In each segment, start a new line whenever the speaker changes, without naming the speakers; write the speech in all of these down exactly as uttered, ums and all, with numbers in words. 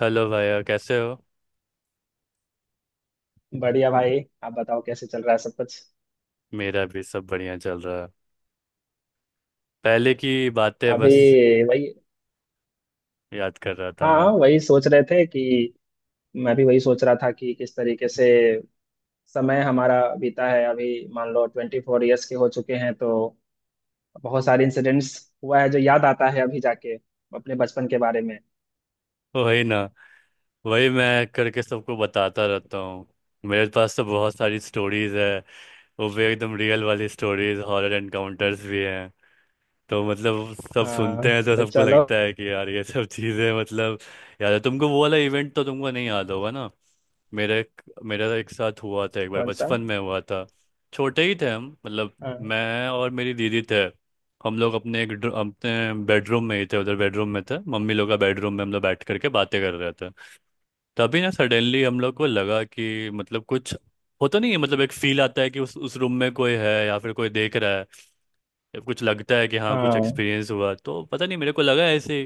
Hello भैया, कैसे हो।
बढ़िया भाई, आप बताओ कैसे चल रहा है सब कुछ।
मेरा भी सब बढ़िया चल रहा है। पहले की बातें
अभी
बस
वही।
याद कर रहा था
हाँ
मैं।
हाँ, वही सोच रहे थे कि मैं भी वही सोच रहा था कि किस तरीके से समय हमारा बीता है। अभी मान लो ट्वेंटी फोर ईयर्स के हो चुके हैं, तो बहुत सारे इंसिडेंट्स हुआ है जो याद आता है अभी जाके अपने बचपन के बारे में।
वही ना, वही मैं करके सबको बताता रहता हूँ। मेरे पास तो बहुत सारी स्टोरीज है, वो भी एकदम रियल वाली स्टोरीज। हॉरर एनकाउंटर्स भी हैं, तो मतलब सब
हाँ,
सुनते हैं तो
तो
सबको
चलो।
लगता है कि यार ये सब चीज़ें, मतलब। याद है तुमको वो वाला इवेंट? तो तुमको नहीं याद होगा ना। मेरे एक मेरा एक साथ हुआ था, एक बार
कौन सा?
बचपन में हुआ था। छोटे ही थे हम, मतलब
हाँ।
मैं और मेरी दीदी थे। हम लोग अपने एक ड्र- अपने बेडरूम में ही थे, उधर बेडरूम में थे, मम्मी लोग का बेडरूम में हम लोग बैठ करके बातें कर रहे थे। तभी ना सडनली हम लोग को लगा कि मतलब कुछ होता नहीं है, मतलब एक फील आता है कि उस उस रूम में कोई है या फिर कोई देख रहा है। कुछ लगता है कि हाँ कुछ
हाँ,
एक्सपीरियंस हुआ, तो पता नहीं मेरे को लगा ऐसे।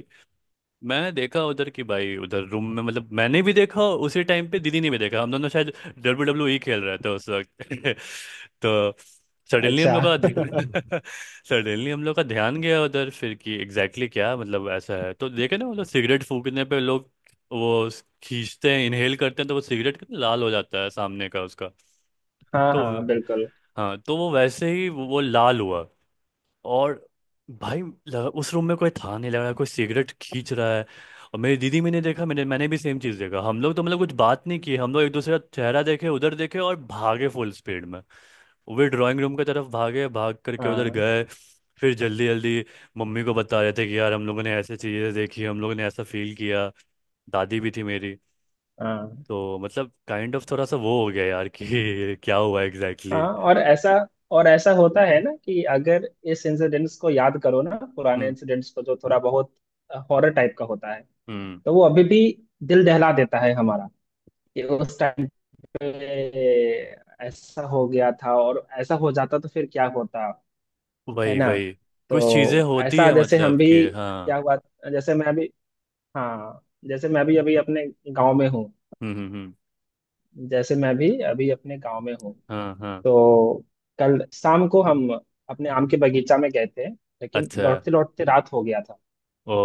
मैं देखा उधर की, भाई उधर रूम में, मतलब मैंने भी देखा, उसी टाइम पे दीदी ने भी देखा। हम दोनों शायद डब्ल्यू डब्ल्यू ई खेल रहे थे उस वक्त तो सडनली हम
अच्छा।
लोग का सडनली हम लोग का ध्यान गया उधर, फिर कि एग्जैक्टली exactly क्या, मतलब ऐसा है तो देखे ना, वो लोग सिगरेट फूकने पे, लोग वो खींचते हैं, इनहेल करते हैं, तो वो सिगरेट कितना लाल हो जाता है सामने का उसका।
हाँ
तो
हाँ, बिल्कुल।
हाँ, तो वो वैसे ही वो लाल हुआ। और भाई लगा, उस रूम में कोई था नहीं, लग रहा कोई सिगरेट खींच रहा है। और मेरी दीदी, मैंने देखा, मैंने मैंने भी सेम चीज़ देखा। हम लोग तो मतलब कुछ बात नहीं की, हम लोग एक दूसरे का चेहरा देखे, उधर देखे और भागे फुल स्पीड में। वे ड्राइंग रूम की तरफ भागे, भाग करके उधर
हाँ।
गए। फिर जल्दी जल्दी मम्मी को बता रहे थे कि यार हम लोगों ने ऐसे चीज़ें देखी, हम लोगों ने ऐसा फील किया। दादी भी थी मेरी,
हाँ।
तो मतलब काइंड ऑफ थोड़ा सा वो हो गया यार कि क्या हुआ एग्जैक्टली
हाँ,
exactly.
और ऐसा और ऐसा होता है ना कि अगर इस इंसिडेंट्स को याद करो ना, पुराने इंसिडेंट्स को जो थोड़ा बहुत हॉरर टाइप का होता है,
हम्म।
तो वो अभी भी दिल दहला देता है हमारा, कि उस टाइम पे ऐसा हो गया था, और ऐसा हो जाता तो फिर क्या होता। है
वही
ना?
वही। कुछ चीजें
तो
होती
ऐसा
है,
जैसे हम
मतलब
भी
कि
क्या
हाँ।
हुआ जैसे मैं अभी हाँ, जैसे मैं भी अभी अपने गांव में हूँ
हम्म हम्म हम्म।
जैसे मैं भी अभी अपने गांव में हूँ।
हाँ हाँ।
तो कल शाम को हम अपने आम के बगीचा में गए थे, लेकिन
अच्छा।
लौटते लौटते रात हो गया था।
ओ।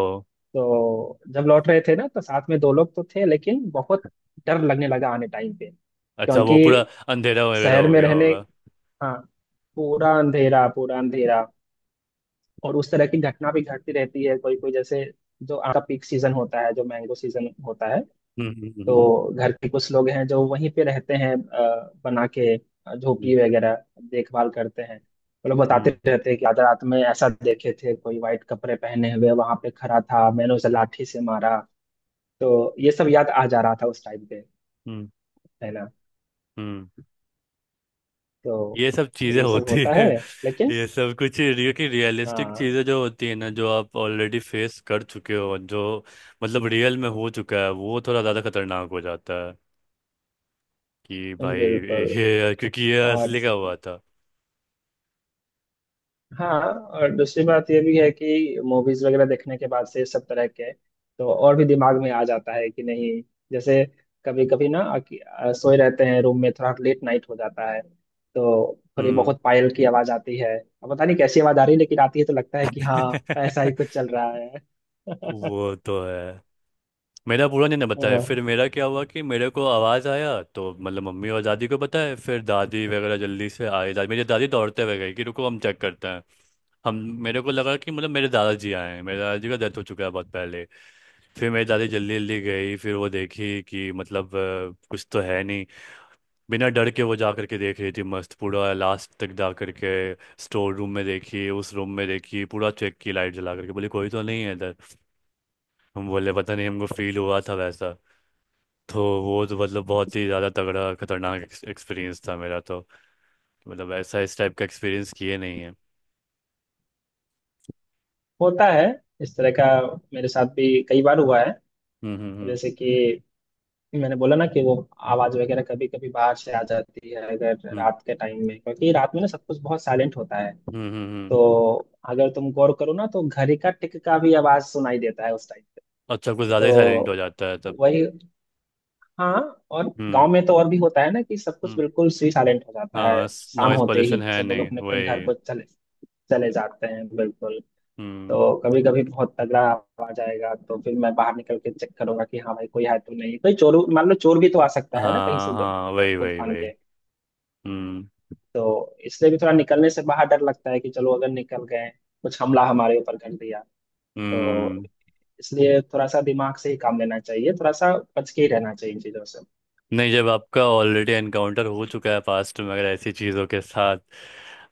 तो जब लौट रहे थे ना, तो साथ में दो लोग तो थे, लेकिन बहुत डर लगने लगा आने टाइम पे,
अच्छा,
क्योंकि
वो पूरा अंधेरा वगैरह
शहर
हो
में
गया
रहने।
होगा।
हाँ, पूरा अंधेरा पूरा अंधेरा। और उस तरह की घटना भी घटती रहती है, कोई कोई, जैसे जो आम का पीक सीजन होता है, जो मैंगो सीजन होता है,
हम्म हम्म
तो
हम्म।
घर के कुछ लोग हैं जो वहीं पे रहते हैं, अ, बना के अ,
हम्म
झोपड़ी वगैरह। देखभाल करते हैं। वो लोग बताते
हम्म
रहते हैं कि आज रात में ऐसा देखे थे, कोई वाइट कपड़े पहने हुए वहां पे खड़ा था, मैंने उसे लाठी से मारा। तो ये सब याद आ जा रहा था उस टाइम पे।
हम्म। हम्म।
है ना?
हम्म।
तो
ये सब चीजें
ये सब
होती
होता
है
है, लेकिन।
ये सब कुछ रिय- कि रियलिस्टिक
हाँ,
चीजें जो होती है ना, जो आप ऑलरेडी फेस कर चुके हो, जो मतलब रियल में हो चुका है, वो थोड़ा ज्यादा खतरनाक हो जाता है कि भाई
बिल्कुल।
ये क्योंकि ये
और
असली का हुआ था।
हाँ, और दूसरी बात ये भी है कि मूवीज वगैरह देखने के बाद से सब तरह के, तो और भी दिमाग में आ जाता है कि नहीं। जैसे कभी कभी ना, अक- अ, सोए रहते हैं रूम में, थोड़ा लेट नाइट हो जाता है, तो थोड़ी
हम्म।
बहुत पायल की आवाज आती है। अब पता नहीं कैसी आवाज आ रही है, लेकिन आती है, तो लगता है कि हाँ ऐसा ही कुछ चल रहा है।
वो तो है। मेरा पूरा नहीं ना बताया,
हाँ,
फिर मेरा क्या हुआ कि मेरे को आवाज़ आया, तो मतलब मम्मी और दादी को बताया। फिर दादी वगैरह जल्दी से आए, दादी, मेरी दादी दौड़ते हुए गई कि रुको हम चेक करते हैं। हम मेरे को लगा कि मतलब मेरे दादाजी आए हैं। मेरे दादाजी का डेथ हो चुका है बहुत पहले। फिर मेरी दादी जल्दी जल्दी गई, फिर वो देखी कि मतलब अ, कुछ तो है नहीं। बिना डर के वो जा करके देख रही थी, मस्त पूरा लास्ट तक जा करके स्टोर रूम में देखी, उस रूम में देखी, पूरा चेक की, लाइट जला करके बोली कोई तो नहीं है इधर। हम बोले पता नहीं, हमको फील हुआ था वैसा। तो वो तो मतलब बहुत ही ज़्यादा तगड़ा खतरनाक एक्सपीरियंस था मेरा। तो मतलब ऐसा इस टाइप का एक्सपीरियंस किए नहीं है।
होता है इस तरह का। मेरे साथ भी कई बार हुआ है।
हम्म हम्म हम्म।
जैसे कि मैंने बोला ना कि वो आवाज वगैरह कभी कभी बाहर से आ जाती है अगर
हम्म
रात के टाइम में, क्योंकि रात में ना सब कुछ बहुत साइलेंट होता है।
हम्म हम्म। हम्म,
तो
हम्म।
अगर तुम गौर करो ना, तो घड़ी का टिक का भी आवाज सुनाई देता है उस टाइम पे।
अच्छा, कुछ ज़्यादा ही साइलेंट हो
तो
जाता है तब।
वही। हाँ, और गांव
हम्म।
में तो और भी होता है ना कि सब कुछ
हम्म।
बिल्कुल सी साइलेंट हो जाता है।
हाँ।
शाम
नॉइज़
होते
पोल्यूशन
ही
है
सब लोग
नहीं,
अपने अपने घर
वही।
को चले चले जाते हैं। बिल्कुल।
हम्म।
तो कभी कभी बहुत तगड़ा आवाज आएगा, तो फिर मैं बाहर निकल के चेक करूंगा कि हाँ भाई, कोई है तो नहीं, कोई चोर। मान लो चोर भी तो आ सकता है ना कहीं से
हाँ
द-
हाँ, वही
कूद
वही
फान
वही।
के।
हम्म
तो इसलिए भी थोड़ा निकलने से बाहर डर लगता है कि चलो, अगर निकल गए, कुछ हमला हमारे ऊपर कर दिया, तो।
हम्म।
इसलिए थोड़ा सा दिमाग से ही काम लेना चाहिए, थोड़ा सा बच के ही रहना चाहिए इन चीजों से।
नहीं, जब आपका ऑलरेडी एनकाउंटर हो चुका है पास्ट में, अगर ऐसी चीज़ों के साथ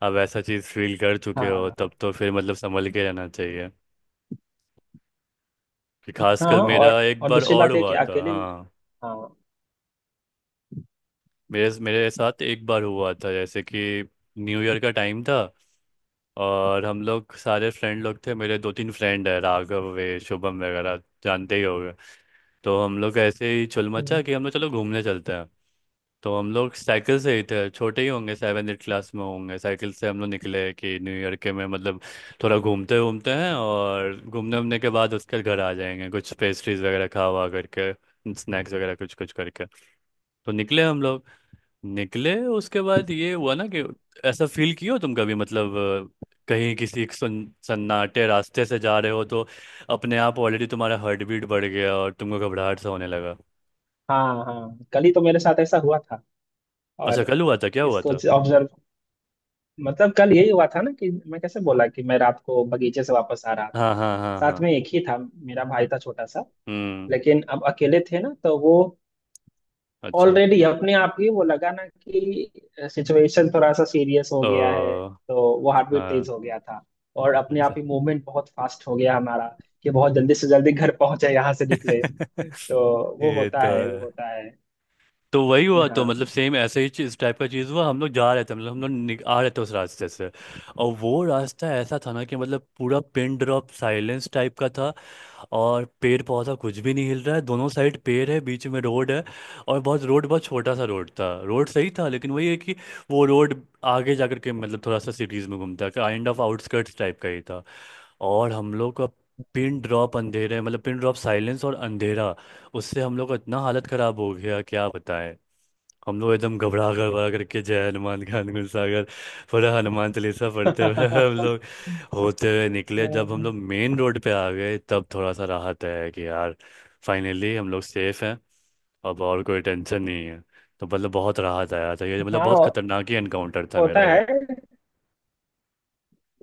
आप ऐसा चीज़ फील कर चुके हो,
हाँ।
तब तो फिर मतलब संभल के रहना चाहिए। कि
हाँ,
खासकर मेरा
और
एक
और
बार
दूसरी
और
बात है कि
हुआ था,
अकेले।
हाँ।
हाँ।
मेरे मेरे साथ एक बार हुआ था, जैसे कि न्यू ईयर का टाइम था और हम लोग सारे फ्रेंड लोग थे, मेरे दो तीन फ्रेंड है राघव, वे शुभम वगैरह, जानते ही होंगे। तो हम लोग ऐसे ही चुल मचा
हम्म,
कि हम लोग चलो घूमने चलते हैं। तो हम लोग साइकिल से ही थे, छोटे ही होंगे, सेवन एट क्लास में होंगे, साइकिल से हम लोग निकले कि न्यू ईयर के में मतलब थोड़ा घूमते घूमते हैं, और घूमने उमने के बाद उसके घर आ जाएंगे, कुछ पेस्ट्रीज वगैरह खा हुआ करके, स्नैक्स वगैरह कुछ कुछ करके। तो निकले हम लोग, निकले उसके बाद ये हुआ ना कि ऐसा फील किए हो तुम कभी मतलब अ, कहीं किसी एक सुन सन्नाटे रास्ते से जा रहे हो, तो अपने आप ऑलरेडी तुम्हारा हार्ट बीट बढ़ गया और तुमको घबराहट सा होने लगा।
हाँ हाँ, कल ही तो मेरे साथ ऐसा हुआ था।
अच्छा,
और
कल हुआ था? क्या हुआ
इसको
था?
ऑब्जर्व, मतलब कल यही हुआ था ना कि मैं कैसे बोला कि मैं रात को बगीचे से वापस आ रहा था,
हाँ हाँ हाँ
साथ
हाँ।
में एक ही था, मेरा भाई था छोटा सा।
हम्म।
लेकिन अब अकेले थे ना, तो वो
अच्छा।
ऑलरेडी अपने आप ही वो लगा ना कि सिचुएशन थोड़ा सा सीरियस हो गया है।
ओ।
तो वो हार्ट बीट
हाँ।
तेज हो गया था। और अपने आप
अच्छा।
ही मूवमेंट बहुत फास्ट हो गया हमारा, कि बहुत जल्दी से जल्दी घर पहुंचे यहाँ से निकले। तो वो
ये
होता
तो
है, वो
है।
होता है।
तो वही हुआ, तो
हाँ।
मतलब सेम ऐसे ही चीज- इस टाइप का चीज़ हुआ, हम लोग जा रहे थे, मतलब हम लोग निक- आ रहे थे उस रास्ते से। और वो रास्ता ऐसा था ना कि मतलब पूरा पिन ड्रॉप साइलेंस टाइप का था, और पेड़ पौधा कुछ भी नहीं हिल रहा है, दोनों साइड पेड़ है, बीच में रोड है, और बहुत रोड, बहुत छोटा सा रोड था, रोड सही था लेकिन वही है कि वो रोड आगे जाकर के मतलब थोड़ा सा सिटीज़ में घूमता है, काइंड ऑफ आउटस्कर्ट्स टाइप का ही था। और हम लोग का पिन ड्रॉप अंधेरे, मतलब पिन ड्रॉप साइलेंस और अंधेरा, उससे हम लोग का इतना हालत खराब हो गया, क्या बताएं। हम लोग एकदम घबरा घबरा करके जय हनुमान खान गुलसागर पूरा हनुमान चालीसा पढ़ते हुए हम लोग होते हुए निकले। जब हम लोग मेन रोड पे आ गए तब थोड़ा सा राहत है कि यार फाइनली हम लोग सेफ हैं, अब और कोई टेंशन नहीं है। तो मतलब बहुत राहत आया था, ये मतलब बहुत
हाँ,
खतरनाक ही एनकाउंटर था
होता
मेरा ये।
है।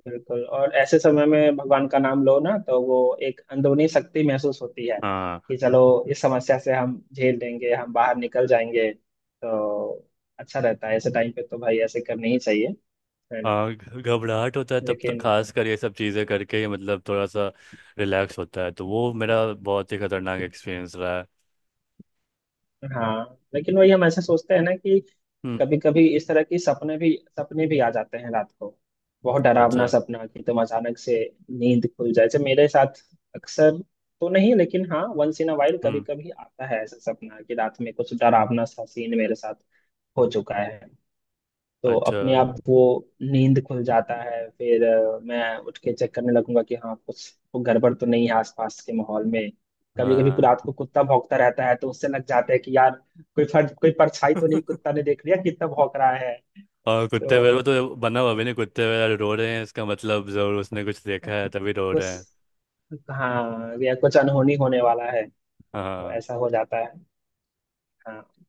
बिल्कुल। और ऐसे समय में भगवान का नाम लो ना, तो वो एक अंदरूनी शक्ति महसूस होती है,
हाँ।
कि चलो इस समस्या से हम झेल लेंगे, हम बाहर निकल जाएंगे, तो अच्छा रहता है ऐसे टाइम पे। तो भाई ऐसे करनी ही चाहिए। है ना?
हाँ घ- घबराहट होता है तब तो,
लेकिन।
खास कर ये सब चीज़ें करके ही मतलब थोड़ा सा रिलैक्स होता है। तो वो मेरा बहुत ही खतरनाक एक्सपीरियंस रहा है।
हाँ, लेकिन वही, हम ऐसे सोचते हैं ना कि
हम्म।
कभी कभी इस तरह की सपने भी, सपने भी आ जाते हैं रात को। बहुत डरावना
अच्छा।
सपना कि तुम अचानक से नींद खुल जाए, जैसे मेरे साथ अक्सर तो नहीं, लेकिन हाँ वंस इन अ वाइल कभी
हम्म।
कभी आता है ऐसा सपना कि रात में कुछ डरावना सा सीन मेरे साथ हो चुका है। तो अपने
अच्छा।
आप वो नींद खुल जाता है, फिर अ, मैं उठ के चेक करने लगूंगा कि हाँ कुछ गड़बड़ तो नहीं है आसपास के माहौल में। कभी कभी
हाँ।
रात को कुत्ता भौंकता रहता है, तो उससे लग जाता है कि यार कोई फर्ज, कोई परछाई तो नहीं कुत्ता ने देख लिया, कितना भौंक रहा।
और कुत्ते वेरो
तो
तो बना हुआ भी नहीं, कुत्ते वेरा रो रहे हैं, इसका मतलब जरूर उसने कुछ देखा है तभी रो रहे
कुछ।
हैं।
हाँ, या कुछ अनहोनी होने वाला है। तो
हाँ।
ऐसा हो जाता है। हाँ।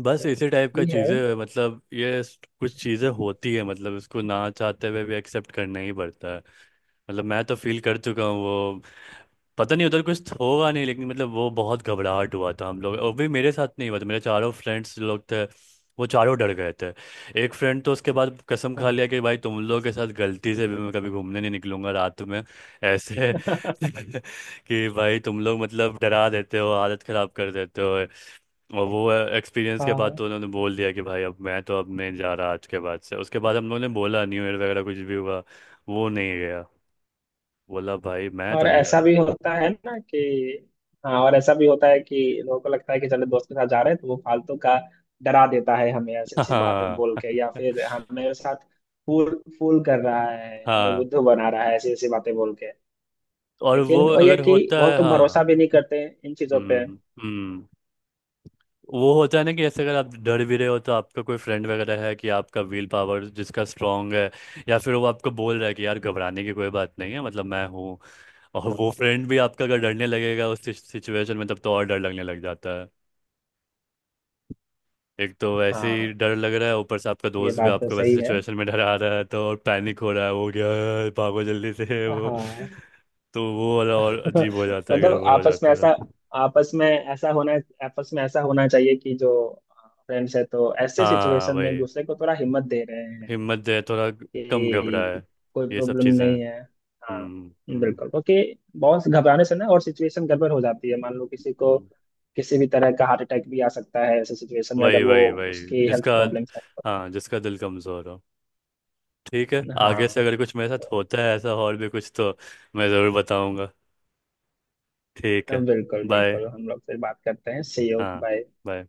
बस
तो
इसी टाइप का
यही है।
चीज़ें, मतलब ये स- कुछ चीज़ें होती है, मतलब इसको ना चाहते हुए भी एक्सेप्ट करना ही पड़ता है। मतलब मैं तो फील कर चुका हूँ वो। पता नहीं उधर कुछ होगा नहीं, लेकिन मतलब वो बहुत घबराहट हुआ था हम लोग, और भी मेरे साथ नहीं हुआ था, मेरे चारों फ्रेंड्स लोग थे, वो चारों डर गए थे। एक फ्रेंड तो उसके बाद कसम खा लिया
हाँ।
कि भाई तुम लोगों के साथ गलती से भी मैं कभी घूमने नहीं निकलूंगा रात में, ऐसे कि भाई तुम लोग मतलब डरा देते हो, हालत खराब कर देते हो। और वो एक्सपीरियंस के बाद
हाँ
तो उन्होंने बोल दिया कि भाई अब मैं तो अब नहीं जा रहा, आज के बाद से। उसके बाद हम लोगों ने बोला न्यू ईयर वगैरह कुछ भी हुआ, वो नहीं गया। बोला भाई मैं तो
और
नहीं
ऐसा
जा।
भी होता है ना कि हाँ, और ऐसा भी होता है कि लोगों को लगता है कि चलो दोस्त के साथ जा रहे हैं, तो वो फालतू का डरा देता है हमें, ऐसी ऐसी बातें बोल
हाँ
के, या फिर हमारे साथ फूल फूल कर रहा है, हमें
हाँ।
बुद्धू बना रहा है, ऐसी ऐसी बातें बोल के।
और वो
लेकिन वो, ये
अगर
कि
होता
बहुत
है,
तो भरोसा
हाँ।
भी नहीं करते हैं इन चीजों पे।
हम्म हम्म। वो होता है ना कि जैसे अगर आप डर भी रहे हो तो आपका कोई फ्रेंड वगैरह है कि आपका विल पावर जिसका स्ट्रांग है, या फिर वो आपको बोल रहा है कि यार घबराने की कोई बात नहीं है, मतलब मैं हूँ, और वो फ्रेंड भी आपका अगर डरने लगेगा उस सिचुएशन में, तब तो और डर लगने लग जाता। एक तो वैसे
हाँ,
ही डर लग रहा है, ऊपर से आपका
ये
दोस्त भी
बात तो
आपको वैसे
सही है।
सिचुएशन में डरा रहा है तो और पैनिक हो रहा है, वो क्या, भागो जल्दी से। वो
हाँ।
तो वो वाला और अजीब हो जाता है,
मतलब
गड़बड़ हो
आपस में
जाता है।
ऐसा आपस में ऐसा होना आपस में ऐसा होना चाहिए कि जो फ्रेंड्स है, तो ऐसे
हाँ
सिचुएशन में एक
वही।
दूसरे को थोड़ा हिम्मत दे रहे हैं
हिम्मत जो है, थोड़ा कम
कि
घबराए।
कोई
ये सब
प्रॉब्लम
चीज़ें हैं।
नहीं है। हाँ,
हम्म हम्म।
बिल्कुल। क्योंकि बहुत घबराने से ना और सिचुएशन गड़बड़ हो जाती है। मान लो किसी को
हम्म।
किसी भी तरह का हार्ट अटैक भी आ सकता है ऐसे सिचुएशन में,
वही
अगर वो
वही वही,
उसकी
जिसका,
हेल्थ प्रॉब्लम्स है तो।
हाँ जिसका दिल कमज़ोर हो। ठीक है, आगे से
हाँ,
अगर कुछ मेरे साथ होता है ऐसा और भी कुछ, तो मैं ज़रूर बताऊंगा। ठीक
तो
है।
बिल्कुल
बाय।
बिल्कुल, हम लोग फिर बात करते हैं। सी यू,
हाँ।
बाय।
bye.